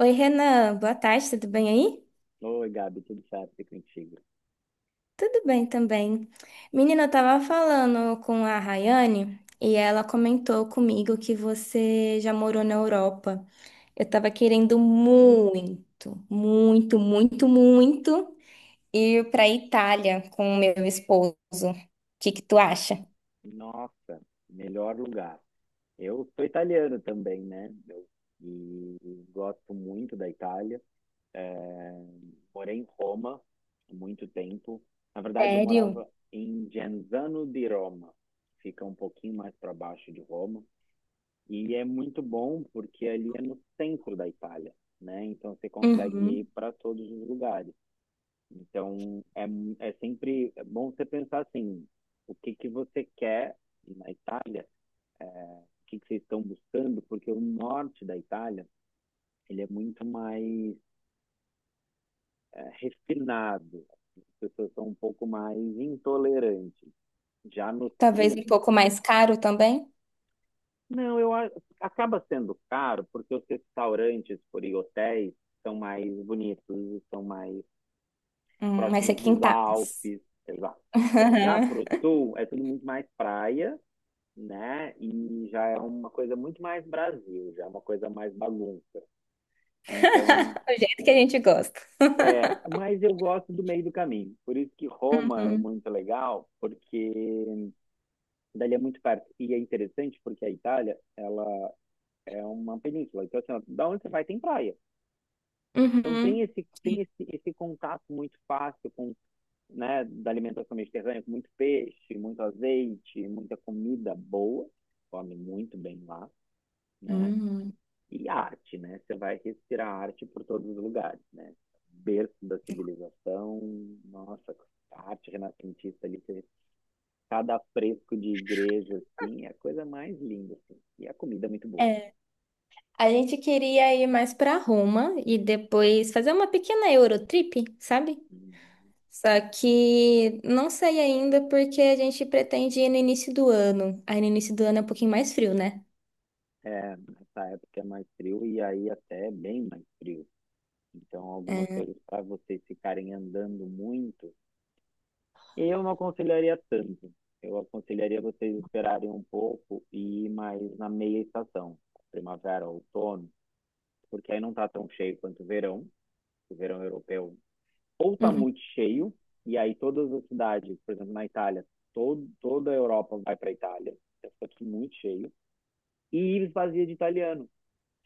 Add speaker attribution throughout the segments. Speaker 1: Oi, Renan, boa tarde, tudo bem aí?
Speaker 2: Oi, Gabi, tudo certo e contigo?
Speaker 1: Tudo bem também. Menina, eu tava falando com a Rayane e ela comentou comigo que você já morou na Europa. Eu tava querendo
Speaker 2: Hum.
Speaker 1: muito, muito, muito, muito ir pra Itália com o meu esposo. O que que tu acha?
Speaker 2: Nossa, melhor lugar. Eu sou italiano também, né? Eu, e gosto muito da Itália. É, morei em Roma há muito tempo. Na verdade, eu
Speaker 1: Sério?
Speaker 2: morava em Genzano di Roma, que fica um pouquinho mais para baixo de Roma. E é muito bom porque ali é no centro da Itália, né? Então você consegue ir
Speaker 1: Uhum.
Speaker 2: para todos os lugares. Então, é, é sempre bom você pensar assim, o que que você quer na Itália, é, o que que vocês estão buscando, porque o norte da Itália, ele é muito mais é, refinado, as pessoas são um pouco mais intolerantes. Já no
Speaker 1: Talvez
Speaker 2: sul,
Speaker 1: um pouco mais caro também.
Speaker 2: não, acaba sendo caro, porque os restaurantes por aí, hotéis são mais bonitos, são mais
Speaker 1: Mas é
Speaker 2: próximos dos
Speaker 1: quintais.
Speaker 2: Alpes, exato. Já pro sul, é tudo muito mais praia, né? E já é uma coisa muito mais Brasil, já é uma coisa mais bagunça. Então,
Speaker 1: Do jeito que a gente gosta.
Speaker 2: é, mas eu gosto do meio do caminho. Por isso que Roma é
Speaker 1: Uhum.
Speaker 2: muito legal, porque dali é muito perto. E é interessante porque a Itália, ela é uma península. Então, assim, ó, da onde você vai tem praia. Então tem
Speaker 1: Uhum.
Speaker 2: esse esse contato muito fácil com, né, da alimentação mediterrânea, com muito peixe, muito azeite, muita comida boa. Come muito bem lá, né?
Speaker 1: Hum.
Speaker 2: E arte, né? Você vai respirar arte por todos os lugares, né? Berço da civilização, nossa, a arte renascentista ali, cada fresco de igreja, assim, é a coisa mais linda, assim. E a comida é muito boa.
Speaker 1: É, a gente queria ir mais para Roma e depois fazer uma pequena Eurotrip, sabe? Só que não sei ainda porque a gente pretende ir no início do ano. Aí no início do ano é um pouquinho mais frio, né?
Speaker 2: É, nessa época é mais frio e aí até é bem mais frio. Então, algumas
Speaker 1: É.
Speaker 2: coisas para vocês ficarem andando muito, eu não aconselharia tanto. Eu aconselharia vocês esperarem um pouco e ir mais na meia estação, primavera, outono, porque aí não está tão cheio quanto o verão. O verão europeu ou está
Speaker 1: Uhum.
Speaker 2: muito cheio, e aí todas as cidades, por exemplo, na Itália, toda a Europa vai para a Itália, fica aqui muito cheio, e esvazia de italiano.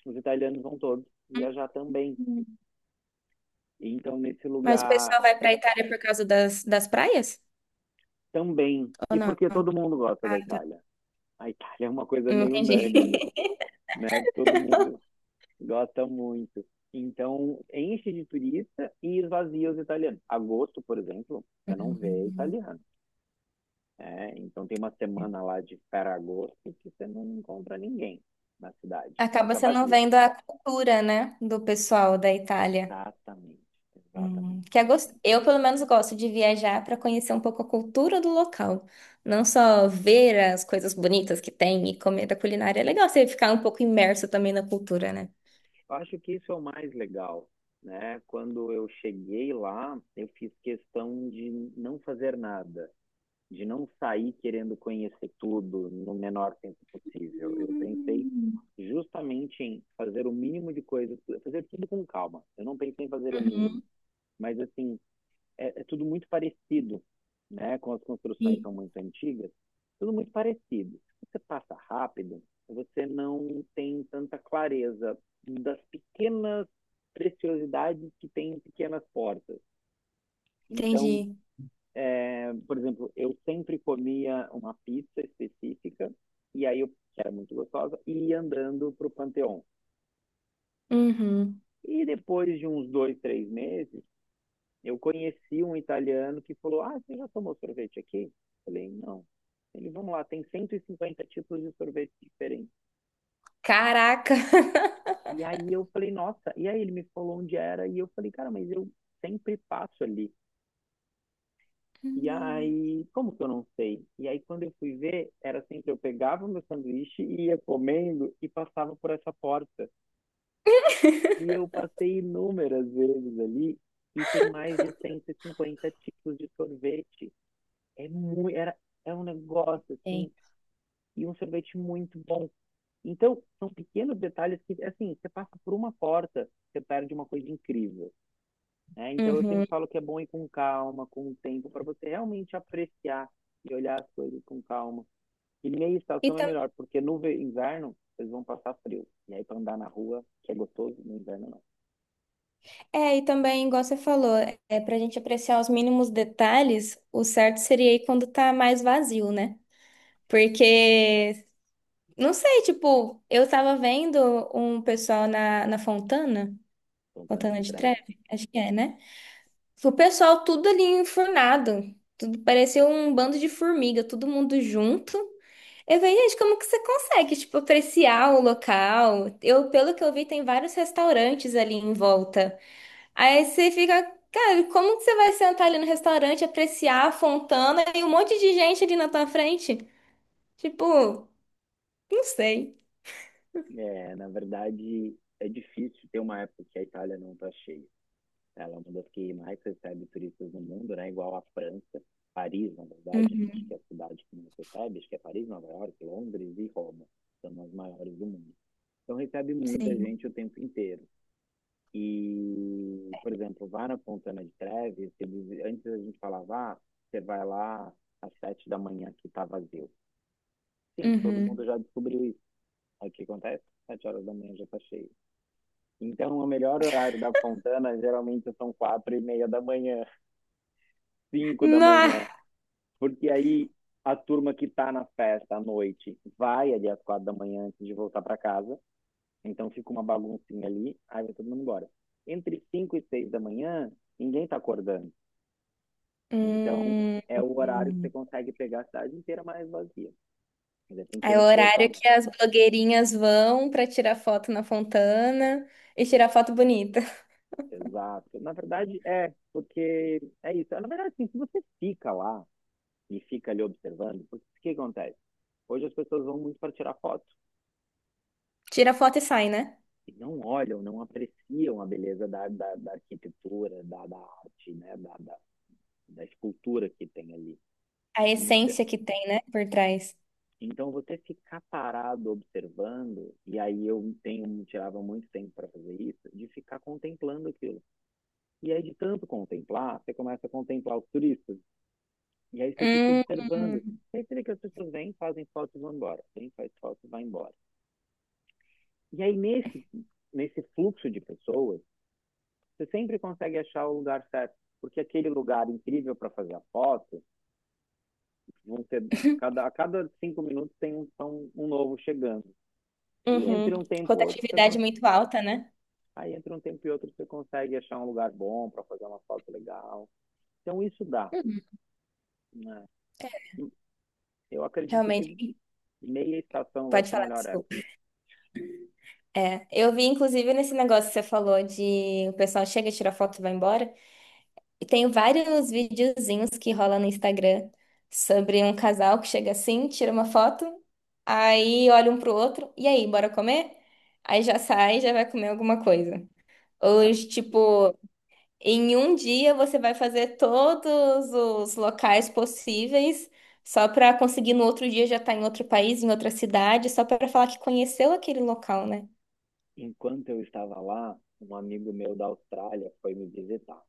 Speaker 2: Os italianos vão todos viajar também. Então, nesse
Speaker 1: Mas o
Speaker 2: lugar
Speaker 1: pessoal vai para Itália por causa das praias?
Speaker 2: também.
Speaker 1: Ou
Speaker 2: E
Speaker 1: não?
Speaker 2: porque todo mundo gosta
Speaker 1: Ah,
Speaker 2: da
Speaker 1: tá.
Speaker 2: Itália. A Itália é uma coisa
Speaker 1: Não
Speaker 2: meio
Speaker 1: entendi.
Speaker 2: unânime, né? Todo mundo gosta muito. Então, enche de turista e esvazia os italianos. Agosto, por exemplo, você não vê
Speaker 1: Uhum.
Speaker 2: italiano. É, então tem uma semana lá de Ferragosto que você não encontra ninguém na cidade.
Speaker 1: Acaba
Speaker 2: Fica
Speaker 1: você não
Speaker 2: vazia.
Speaker 1: vendo a cultura, né, do pessoal da Itália.
Speaker 2: Exatamente, exatamente.
Speaker 1: Eu, pelo menos, gosto de viajar para conhecer um pouco a cultura do local. Não só ver as coisas bonitas que tem e comer da culinária. É legal você ficar um pouco imerso também na cultura, né?
Speaker 2: Eu acho que isso é o mais legal, né? Quando eu cheguei lá, eu fiz questão de não fazer nada, de não sair querendo conhecer tudo no menor tempo possível. Eu pensei
Speaker 1: Hum.
Speaker 2: justamente em fazer o mínimo de coisas, fazer tudo com calma. Eu não pensei em fazer o mínimo,
Speaker 1: Uhum.
Speaker 2: mas assim, é, é tudo muito parecido, né? Como as construções
Speaker 1: e-
Speaker 2: são muito antigas, tudo muito parecido. Se você passa rápido, você não tem tanta clareza das pequenas preciosidades que tem em pequenas portas. Então,
Speaker 1: Entendi.
Speaker 2: é, por exemplo, eu sempre comia uma pizza específica, e aí eu, que era muito gostosa, e ia andando para o Panteão.
Speaker 1: Uhum.
Speaker 2: E depois de uns 2, 3 meses, eu conheci um italiano que falou: "Ah, você já tomou sorvete aqui?" Eu falei: "Não." Ele, vamos lá, tem 150 tipos de sorvete diferentes.
Speaker 1: Caraca!
Speaker 2: E aí eu falei: "Nossa." E aí ele me falou onde era. E eu falei: "Cara, mas eu sempre passo ali. E
Speaker 1: Hum.
Speaker 2: aí, como que eu não sei?" E aí, quando eu fui ver, era assim que eu pegava o meu sanduíche e ia comendo e passava por essa porta. E eu passei inúmeras vezes ali e tem mais de 150 tipos de sorvete. É muito, era, é um negócio
Speaker 1: Tem.
Speaker 2: assim, e um sorvete muito bom. Então, são pequenos detalhes que, assim, você passa por uma porta, você perde uma coisa incrível, né? Então, eu sempre
Speaker 1: Uhum.
Speaker 2: falo que é bom ir com calma, com o tempo, para você realmente apreciar e olhar as coisas com calma. E meia
Speaker 1: E,
Speaker 2: estação é
Speaker 1: tam
Speaker 2: melhor, porque no inverno, vocês vão passar frio. E aí, para andar na rua, que é gostoso, no inverno não.
Speaker 1: É, e também, igual você falou, é, para a gente apreciar os mínimos detalhes, o certo seria ir quando tá mais vazio, né? Porque Não sei, tipo, eu tava vendo um pessoal na Fontana,
Speaker 2: Fontana
Speaker 1: Fontana
Speaker 2: de
Speaker 1: de
Speaker 2: Trevi.
Speaker 1: Treve, acho que é, né? O pessoal tudo ali enfurnado, tudo parecia um bando de formiga, todo mundo junto. Eu falei, gente, como que você consegue, tipo, apreciar o local? Eu, pelo que eu vi, tem vários restaurantes ali em volta. Aí você fica, cara, como que você vai sentar ali no restaurante, apreciar a Fontana e um monte de gente ali na tua frente? Tipo, não sei.
Speaker 2: É, na verdade, é difícil ter uma época que a Itália não tá cheia. Ela é uma das que mais recebe turistas no mundo, né? Igual a França, Paris, na verdade, né? Acho
Speaker 1: Uhum.
Speaker 2: que é a cidade que mais recebe, acho que é Paris, Nova York, Londres e Roma, são as maiores do mundo. Então recebe muita
Speaker 1: Sim.
Speaker 2: gente o tempo inteiro. E, por exemplo, vá na Fontana de Trevi, eles, antes a gente falava, ah, você vai lá às 7 da manhã que está vazio. Sim, todo mundo
Speaker 1: Uhum.
Speaker 2: já descobriu isso. Aí o que acontece? 7 horas da manhã já está cheio. Então, o melhor horário da Fontana geralmente são 4:30 da manhã, cinco da
Speaker 1: Nah.
Speaker 2: manhã, porque aí a turma que tá na festa à noite vai ali às 4 da manhã antes de voltar para casa, então fica uma baguncinha ali, aí vai todo mundo embora. Entre 5 e 6 da manhã, ninguém tá acordando. Então,
Speaker 1: Hum.
Speaker 2: é o horário que você
Speaker 1: Hum.
Speaker 2: consegue pegar a cidade inteira mais vazia. Ainda tem que ter
Speaker 1: É
Speaker 2: um
Speaker 1: o
Speaker 2: esforço
Speaker 1: horário
Speaker 2: a mais.
Speaker 1: que as blogueirinhas vão pra tirar foto na Fontana e tirar foto bonita.
Speaker 2: Exato. Na verdade, é, porque é isso. Na verdade, assim, se você fica lá e fica ali observando, porque o que acontece? Hoje as pessoas vão muito para tirar foto.
Speaker 1: Tira foto e sai, né?
Speaker 2: E não olham, não apreciam a beleza da arquitetura, da arte, né? Da escultura que tem ali.
Speaker 1: A
Speaker 2: Então,
Speaker 1: essência que tem, né, por trás.
Speaker 2: então, você ficar parado observando, e aí eu tenho, tirava muito tempo para fazer isso, de ficar contemplando aquilo. E aí, de tanto contemplar, você começa a contemplar os turistas, e aí você fica
Speaker 1: Hum.
Speaker 2: observando. E aí você vê que as pessoas vêm, fazem fotos e vão embora. Vêm faz fotos e vai embora. E aí, nesse fluxo de pessoas, você sempre consegue achar o lugar certo, porque aquele lugar incrível para fazer a foto, vão ter cada a cada 5 minutos tem um novo chegando. E
Speaker 1: Uhum.
Speaker 2: entre um tempo e outro, você
Speaker 1: Rotatividade
Speaker 2: consegue,
Speaker 1: muito alta, né?
Speaker 2: aí entre um tempo e outro você consegue achar um lugar bom para fazer uma foto legal. Então isso dá.
Speaker 1: Uhum.
Speaker 2: Né? Eu acredito que
Speaker 1: Realmente,
Speaker 2: meia estação vai
Speaker 1: pode
Speaker 2: ser a
Speaker 1: falar,
Speaker 2: melhor
Speaker 1: desculpa.
Speaker 2: época.
Speaker 1: É, eu vi inclusive nesse negócio que você falou de o pessoal chega, tira foto e vai embora. E tenho vários videozinhos que rola no Instagram sobre um casal que chega assim, tira uma foto, aí olha um pro outro, e aí, bora comer? Aí já sai, e já vai comer alguma coisa. Ou, tipo, em um dia você vai fazer todos os locais possíveis só pra conseguir no outro dia já estar em outro país, em outra cidade, só pra falar que conheceu aquele local, né?
Speaker 2: Enquanto eu estava lá, um amigo meu da Austrália foi me visitar.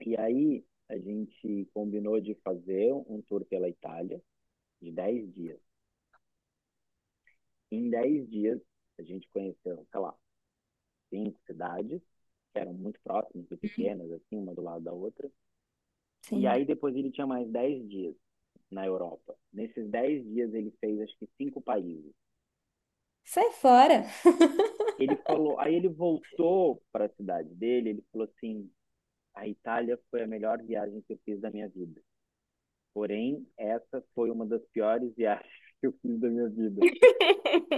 Speaker 2: E aí a gente combinou de fazer um tour pela Itália de 10 dias. Em 10 dias, a gente conheceu, sei lá, 5 cidades, que eram muito próximas e pequenas, assim, uma do lado da outra. E
Speaker 1: Sim.
Speaker 2: aí depois ele tinha mais 10 dias na Europa. Nesses 10 dias ele fez, acho que, 5 países.
Speaker 1: Sai fora.
Speaker 2: Ele falou, aí ele voltou para a cidade dele, ele falou assim: a Itália foi a melhor viagem que eu fiz da minha vida. Porém, essa foi uma das piores viagens que eu fiz da minha vida.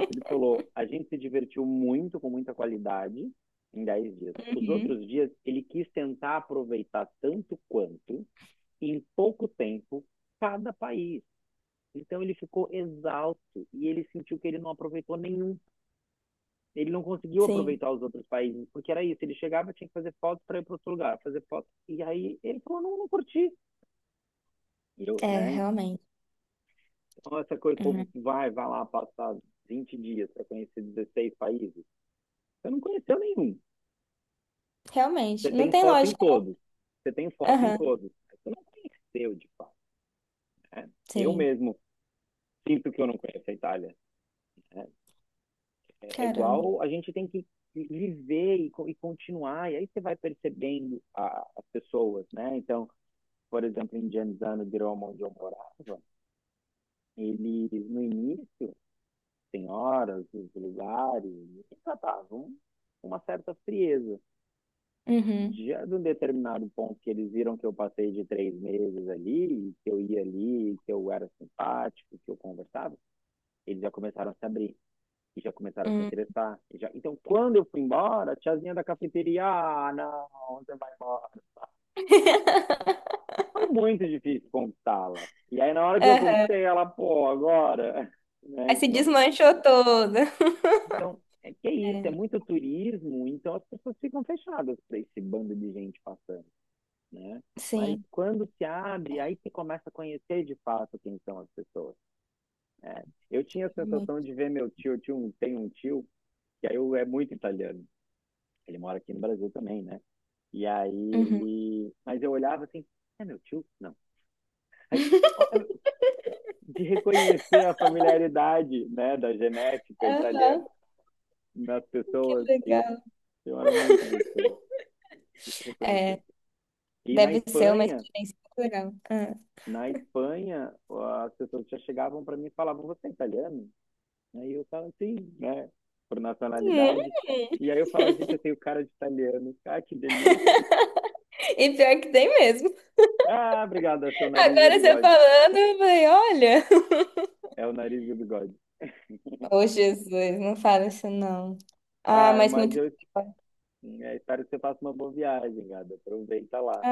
Speaker 2: Ele falou: a gente se divertiu muito, com muita qualidade, em 10 dias. Os
Speaker 1: Uhum.
Speaker 2: outros dias, ele quis tentar aproveitar tanto quanto, em pouco tempo, cada país. Então, ele ficou exausto e ele sentiu que ele não aproveitou nenhum. Ele não conseguiu
Speaker 1: Sim.
Speaker 2: aproveitar os outros países, porque era isso. Ele chegava, tinha que fazer fotos para ir para outro lugar, fazer fotos. E aí, ele falou: não, não curti. E eu,
Speaker 1: É,
Speaker 2: né?
Speaker 1: realmente.
Speaker 2: Então, essa coisa, o povo
Speaker 1: Hum.
Speaker 2: vai, vai lá passar 20 dias para conhecer 16 países. Eu não conheceu nenhum. Você
Speaker 1: Realmente. Não
Speaker 2: tem
Speaker 1: tem
Speaker 2: foto em
Speaker 1: lógica.
Speaker 2: todos. Você tem foto em
Speaker 1: Aham,
Speaker 2: todos. Mas você não conheceu, de fato. Né? Eu
Speaker 1: sim.
Speaker 2: mesmo sinto que eu não conheço a Itália. Né? É, é
Speaker 1: Caramba.
Speaker 2: igual a gente tem que viver e continuar. E aí você vai percebendo as pessoas, né? Então, por exemplo, em Genzano di Roma, onde eu morava, ele, no início, senhoras, os lugares, eles tratavam uma certa frieza.
Speaker 1: Uhum.
Speaker 2: Já de um determinado ponto que eles viram que eu passei de 3 meses ali, que eu ia ali, que eu era simpático, que eu conversava, eles já começaram a se abrir e já começaram a se
Speaker 1: Uhum.
Speaker 2: interessar. Então, quando eu fui embora, a tiazinha da cafeteria, ah, não, você vai embora. Foi muito difícil conquistá-la. E aí, na hora que eu
Speaker 1: Aham.
Speaker 2: conquistei ela, pô, agora, né?
Speaker 1: Aí se
Speaker 2: Então,
Speaker 1: desmanchou toda.
Speaker 2: então é que é isso, é
Speaker 1: É,
Speaker 2: muito turismo, então as pessoas ficam fechadas para esse bando de gente passando. Né? Mas
Speaker 1: sim,
Speaker 2: quando se abre, aí você começa a conhecer de fato quem são as pessoas. Né? Eu tinha a sensação
Speaker 1: realmente.
Speaker 2: de ver meu tio, tem um tio, é muito italiano. Ele mora aqui no Brasil também, né? E aí
Speaker 1: Uhum.
Speaker 2: ele. Mas eu olhava assim, é meu tio? Não. Aí, de reconhecer a familiaridade, né, da genética italiana
Speaker 1: Aham,
Speaker 2: nas
Speaker 1: que
Speaker 2: pessoas, e
Speaker 1: legal.
Speaker 2: eu era muito gostoso de reconhecer. E na
Speaker 1: Deve ser uma
Speaker 2: Espanha,
Speaker 1: experiência muito legal. Ah.
Speaker 2: na Espanha, as pessoas já chegavam para mim e falavam: "Você é italiano?" Aí eu falava: "Sim", né? Por
Speaker 1: Hum,
Speaker 2: nacionalidade. E aí eu falava: "Gente, eu tenho cara de italiano. Ah, que delícia.
Speaker 1: e pior que tem mesmo.
Speaker 2: Ah, obrigado. Acho que é o nariz e o
Speaker 1: Agora você
Speaker 2: bigode."
Speaker 1: falando, eu falei, olha.
Speaker 2: É o nariz e o bigode.
Speaker 1: Ô, Jesus, não fala isso não. Ah,
Speaker 2: Ah,
Speaker 1: mas
Speaker 2: mas
Speaker 1: muito.
Speaker 2: eu é, espero que você faça uma boa viagem, gado. Aproveita lá.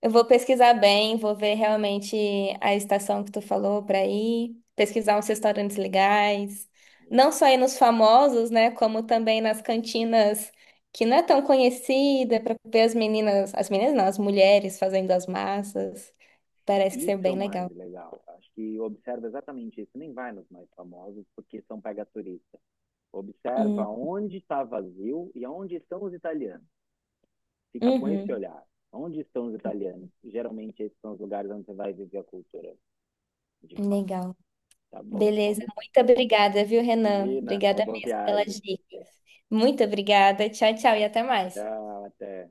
Speaker 1: Eu vou pesquisar bem, vou ver realmente a estação que tu falou para ir, pesquisar uns restaurantes legais, não só ir nos famosos, né, como também nas cantinas que não é tão conhecida, para ver as meninas não, as mulheres fazendo as massas. Parece que ser
Speaker 2: Isso é
Speaker 1: bem
Speaker 2: o mais
Speaker 1: legal.
Speaker 2: legal. Acho que observa exatamente isso. Nem vai nos mais famosos, porque são pega turista. Observa
Speaker 1: Hum.
Speaker 2: onde está vazio e onde estão os italianos. Fica com esse
Speaker 1: Uhum.
Speaker 2: olhar. Onde estão os italianos? Geralmente esses são os lugares onde você vai viver a cultura, de fato.
Speaker 1: Legal.
Speaker 2: Tá bom? Uma
Speaker 1: Beleza,
Speaker 2: boa...
Speaker 1: muito obrigada, viu, Renan?
Speaker 2: Gina, uma
Speaker 1: Obrigada
Speaker 2: boa
Speaker 1: mesmo pelas
Speaker 2: viagem.
Speaker 1: dicas. Muito obrigada. Tchau, tchau e até mais.
Speaker 2: Tchau, até.